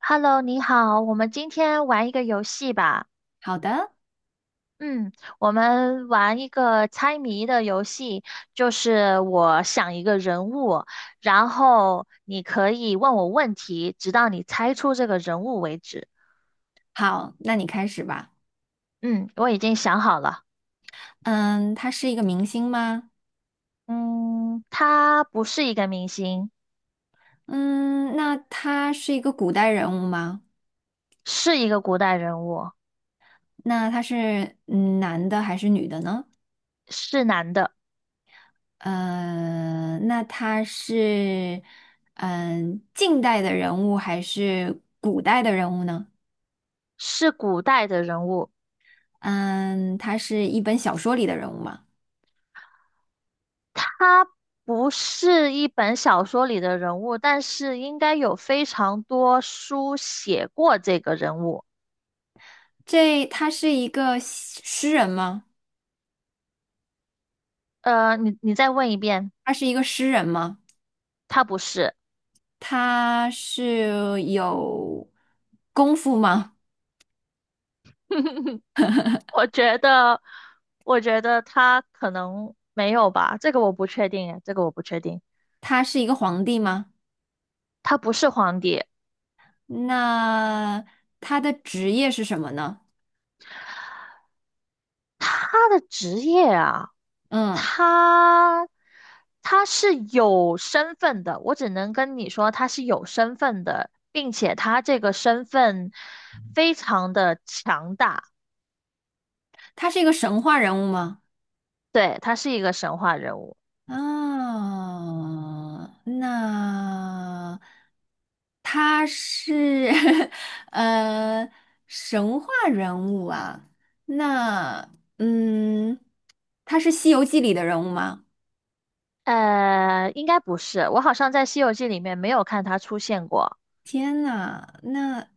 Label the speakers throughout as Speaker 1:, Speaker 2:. Speaker 1: Hello，你好，我们今天玩一个游戏吧。
Speaker 2: 好的，
Speaker 1: 嗯，我们玩一个猜谜的游戏，就是我想一个人物，然后你可以问我问题，直到你猜出这个人物为止。
Speaker 2: 好，那你开始吧。
Speaker 1: 嗯，我已经想好了。
Speaker 2: 嗯，他是一个明星吗？
Speaker 1: 嗯，他不是一个明星，
Speaker 2: 嗯，那他是一个古代人物吗？
Speaker 1: 是一个古代人物，
Speaker 2: 那他是男的还是女的呢？
Speaker 1: 是男的，
Speaker 2: 嗯，那他是近代的人物还是古代的人物呢？
Speaker 1: 是古代的人物。
Speaker 2: 嗯，他是一本小说里的人物吗？
Speaker 1: 他不是一本小说里的人物，但是应该有非常多书写过这个人物。
Speaker 2: 这他是一个诗人吗？
Speaker 1: 你再问一遍，
Speaker 2: 他是一个诗人吗？
Speaker 1: 他不是。
Speaker 2: 他是有功夫吗？
Speaker 1: 我觉得，我觉得他可能没有吧，这个我不确定，这个我不确定。
Speaker 2: 他是一个皇帝吗？
Speaker 1: 他不是皇帝，
Speaker 2: 那他的职业是什么呢？
Speaker 1: 他的职业啊。
Speaker 2: 嗯，
Speaker 1: 他他是有身份的，我只能跟你说他是有身份的，并且他这个身份非常的强大，
Speaker 2: 他是一个神话人物吗？
Speaker 1: 对，他是一个神话人物。
Speaker 2: 啊，那他是 呃神话人物啊。那嗯，他是《西游记》里的人物吗？
Speaker 1: 应该不是，我好像在《西游记》里面没有看他出现过。
Speaker 2: 天呐，那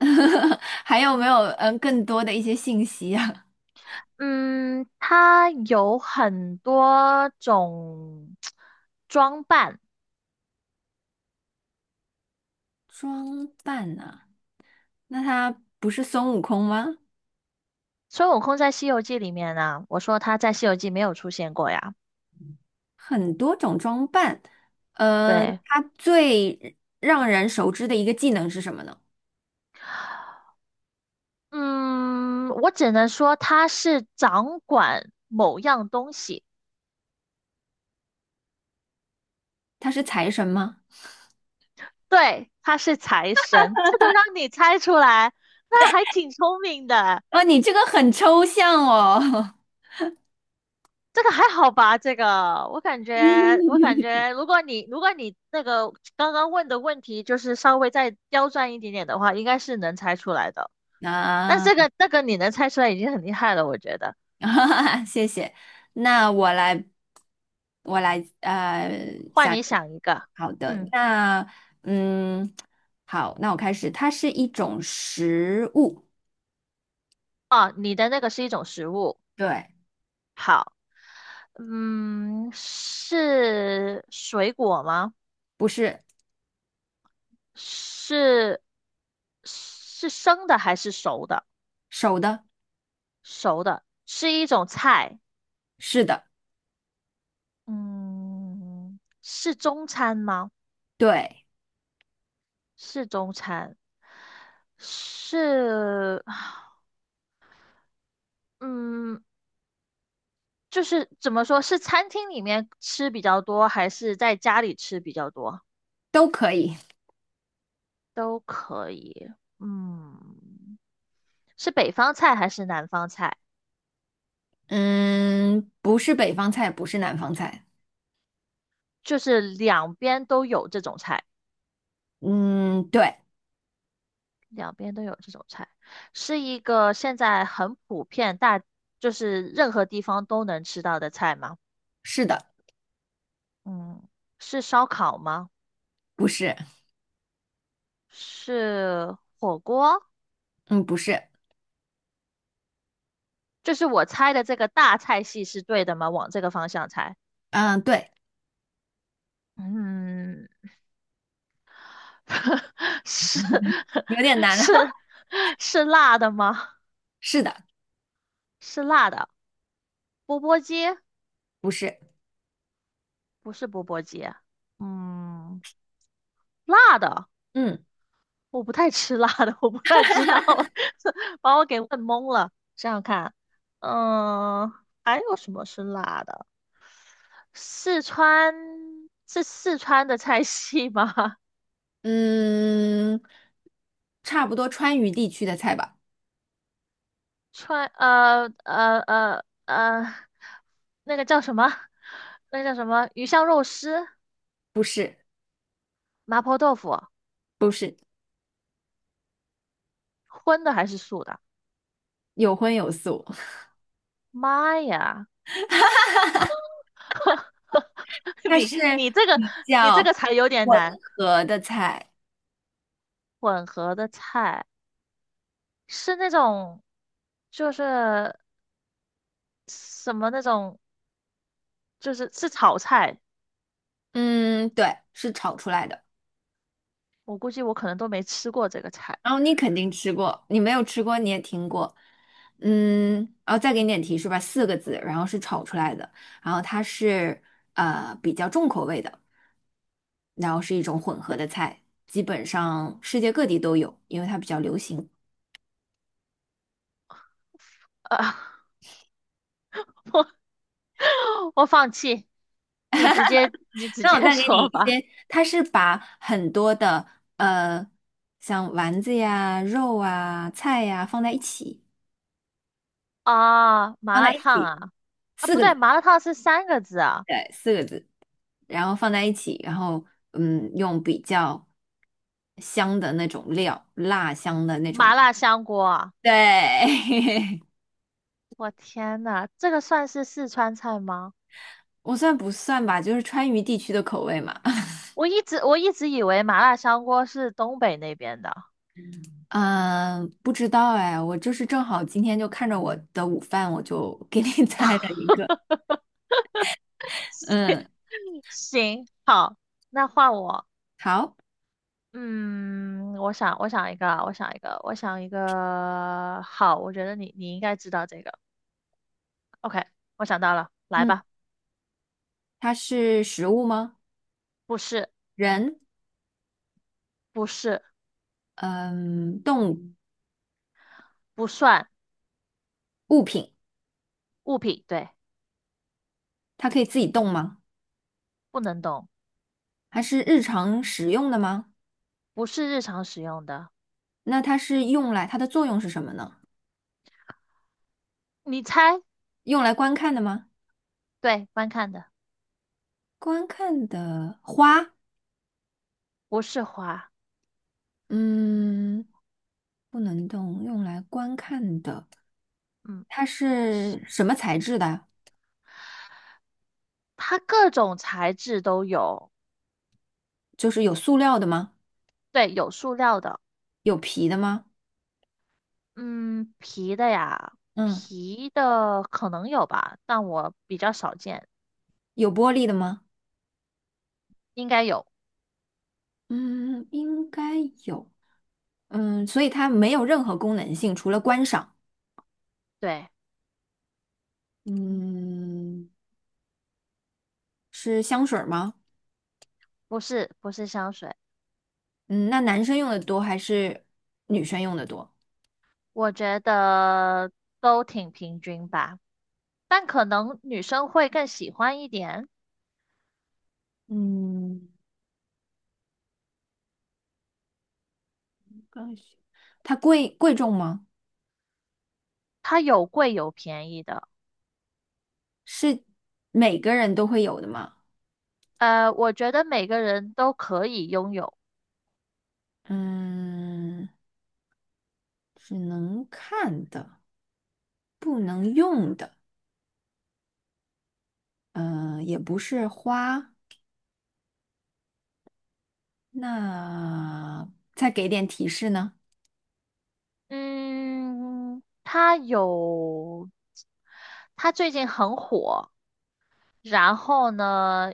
Speaker 2: 还有没有更多的一些信息啊？
Speaker 1: 嗯，他有很多种 装扮。
Speaker 2: 装扮呢、那他不是孙悟空吗？
Speaker 1: 孙悟空在《西游记》里面呢，我说他在《西游记》没有出现过呀。
Speaker 2: 很多种装扮，呃，
Speaker 1: 对，
Speaker 2: 他最让人熟知的一个技能是什么呢？
Speaker 1: 嗯，我只能说他是掌管某样东西，
Speaker 2: 他是财神吗？
Speaker 1: 对，他是财神，这都让你猜出来，那还挺聪明的。
Speaker 2: 啊，你这个很抽象哦。
Speaker 1: 这个还好吧？这个我感觉，我感觉，如果你那个刚刚问的问题就是稍微再刁钻一点点的话，应该是能猜出来的。但
Speaker 2: 啊，
Speaker 1: 这个你能猜出来已经很厉害了，我觉得。
Speaker 2: 哈哈谢谢。那我来，我来，呃，
Speaker 1: 换
Speaker 2: 想
Speaker 1: 你
Speaker 2: 一个，
Speaker 1: 想一个。
Speaker 2: 好的，
Speaker 1: 嗯，
Speaker 2: 那，嗯，好，那我开始。它是一种食物，
Speaker 1: 哦，你的那个是一种食物，
Speaker 2: 对，
Speaker 1: 好。嗯，是水果吗？
Speaker 2: 不是
Speaker 1: 是是生的还是熟的？
Speaker 2: 手的，
Speaker 1: 熟的，是一种菜。
Speaker 2: 是的，
Speaker 1: 嗯，是中餐吗？
Speaker 2: 对，
Speaker 1: 是中餐，是嗯，就是怎么说，是餐厅里面吃比较多，还是在家里吃比较多？
Speaker 2: 都可以。
Speaker 1: 都可以。嗯，是北方菜还是南方菜？
Speaker 2: 嗯，不是北方菜，不是南方菜。
Speaker 1: 就是两边都有这种菜。
Speaker 2: 嗯，对，
Speaker 1: 两边都有这种菜，是一个现在很普遍大，就是任何地方都能吃到的菜吗？
Speaker 2: 是的，
Speaker 1: 嗯，是烧烤吗？
Speaker 2: 不是，
Speaker 1: 是火锅？
Speaker 2: 嗯，不是，
Speaker 1: 就是我猜的这个大菜系是对的吗？往这个方向猜。
Speaker 2: 嗯，对，
Speaker 1: 嗯，是
Speaker 2: 有点难
Speaker 1: 是 是辣的吗？
Speaker 2: 是的，
Speaker 1: 是辣的，钵钵鸡。
Speaker 2: 不是，
Speaker 1: 不是钵钵鸡，嗯，辣的。
Speaker 2: 嗯
Speaker 1: 我不太吃辣的，我不太知道，把我给问懵了。想想看，嗯，还有什么是辣的？四川，是四川的菜系吗？
Speaker 2: 嗯，差不多川渝地区的菜吧，
Speaker 1: 川,那个叫什么？那个叫什么？鱼香肉丝、
Speaker 2: 不是，
Speaker 1: 麻婆豆腐，
Speaker 2: 不是，
Speaker 1: 荤的还是素的？
Speaker 2: 有荤有素，
Speaker 1: 妈呀，
Speaker 2: 它
Speaker 1: 你
Speaker 2: 是
Speaker 1: 你这个
Speaker 2: 比
Speaker 1: 你这
Speaker 2: 较
Speaker 1: 个才有点
Speaker 2: 混
Speaker 1: 难，
Speaker 2: 合的菜。
Speaker 1: 混合的菜。是那种，就是什么那种，就是是炒菜。
Speaker 2: 嗯，对，是炒出来的。
Speaker 1: 我估计我可能都没吃过这个菜。
Speaker 2: 然后你肯定吃过，你没有吃过你也听过，嗯，然后再给你点提示吧，四个字，然后是炒出来的，然后它是比较重口味的，然后是一种混合的菜，基本上世界各地都有，因为它比较流行。
Speaker 1: 呃，我放弃，你直接你直
Speaker 2: 那
Speaker 1: 接
Speaker 2: 我 再给你
Speaker 1: 说
Speaker 2: 一
Speaker 1: 吧。
Speaker 2: 些，它是把很多的呃像丸子呀、肉啊、菜呀放在一起，
Speaker 1: 啊，麻
Speaker 2: 放在
Speaker 1: 辣
Speaker 2: 一
Speaker 1: 烫
Speaker 2: 起，
Speaker 1: 啊。啊
Speaker 2: 四
Speaker 1: 不
Speaker 2: 个
Speaker 1: 对，
Speaker 2: 字，
Speaker 1: 麻辣烫是三个字啊。
Speaker 2: 对，四个字。然后放在一起，然后嗯，用比较香的那种料，辣香的那种。
Speaker 1: 麻辣香锅啊，
Speaker 2: 对，
Speaker 1: 我天呐，这个算是四川菜吗？
Speaker 2: 我算不算吧？就是川渝地区的口味嘛。
Speaker 1: 我一直以为麻辣香锅是东北那边的。
Speaker 2: 嗯，不知道哎，我就是正好今天就看着我的午饭，我就给你 猜了一个。嗯，
Speaker 1: 行，好，那换我。
Speaker 2: 好，
Speaker 1: 嗯，我想，我想一个啊我想一个，我想一个。好，我觉得你应该知道这个。OK,我想到了，来
Speaker 2: 嗯，
Speaker 1: 吧。
Speaker 2: 它是食物吗？
Speaker 1: 不是，
Speaker 2: 人，
Speaker 1: 不是，
Speaker 2: 嗯，动物，
Speaker 1: 不算
Speaker 2: 物品，
Speaker 1: 物品，对，
Speaker 2: 它可以自己动吗？
Speaker 1: 不能动，
Speaker 2: 它是日常使用的吗？
Speaker 1: 不是日常使用的。
Speaker 2: 那它是用来，它的作用是什么呢？
Speaker 1: 你猜，
Speaker 2: 用来观看的吗？
Speaker 1: 对，观看的，
Speaker 2: 观看的花，
Speaker 1: 不是花。
Speaker 2: 嗯，不能动，用来观看的，
Speaker 1: 嗯，
Speaker 2: 它是什么材质的？
Speaker 1: 它各种材质都有，
Speaker 2: 就是有塑料的吗？
Speaker 1: 对，有塑料的，
Speaker 2: 有皮的吗？
Speaker 1: 嗯，皮的呀，
Speaker 2: 嗯，
Speaker 1: 皮的可能有吧，但我比较少见，
Speaker 2: 有玻璃的吗？
Speaker 1: 应该有。
Speaker 2: 嗯，应该有，嗯，所以它没有任何功能性，除了观赏。
Speaker 1: 对，
Speaker 2: 嗯，是香水儿吗？
Speaker 1: 不是，不是香水。
Speaker 2: 嗯，那男生用的多还是女生用的多？
Speaker 1: 我觉得都挺平均吧，但可能女生会更喜欢一点，
Speaker 2: 嗯，刚需它贵重吗？
Speaker 1: 它有贵有便宜的。
Speaker 2: 是每个人都会有的吗？
Speaker 1: 我觉得每个人都可以拥有。
Speaker 2: 嗯，只能看的，不能用的。嗯，也不是花，那再给点提示呢？
Speaker 1: 嗯，它有，它最近很火，然后呢，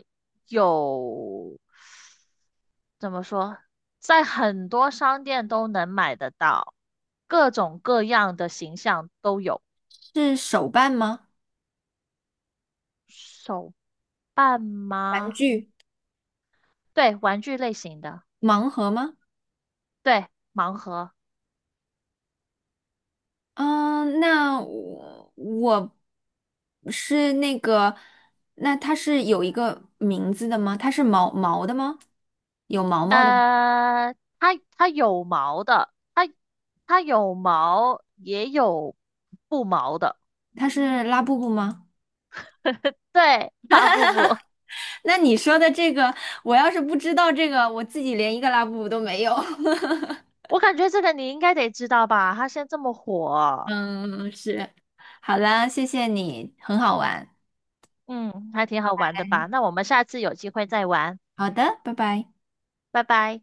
Speaker 1: 有，怎么说，在很多商店都能买得到，各种各样的形象都有。
Speaker 2: 是手办吗？
Speaker 1: 手半
Speaker 2: 玩
Speaker 1: 吗？
Speaker 2: 具，
Speaker 1: 对，玩具类型的，
Speaker 2: 盲盒吗？
Speaker 1: 对，盲盒。
Speaker 2: 嗯，那我是那个，那它是有一个名字的吗？它是毛毛的吗？有毛毛的吗？
Speaker 1: 呃，它有毛的，它有毛，也有不毛的。
Speaker 2: 它是拉布布吗？
Speaker 1: 对，发不不。
Speaker 2: 那你说的这个，我要是不知道这个，我自己连一个拉布布都没有。
Speaker 1: 我感觉这个你应该得知道吧？它现在这么火。
Speaker 2: 嗯，是。好啦，谢谢你，很好玩。
Speaker 1: 嗯，还挺好玩的
Speaker 2: 哎，
Speaker 1: 吧？那我们下次有机会再玩，
Speaker 2: 好的，拜拜。
Speaker 1: 拜拜。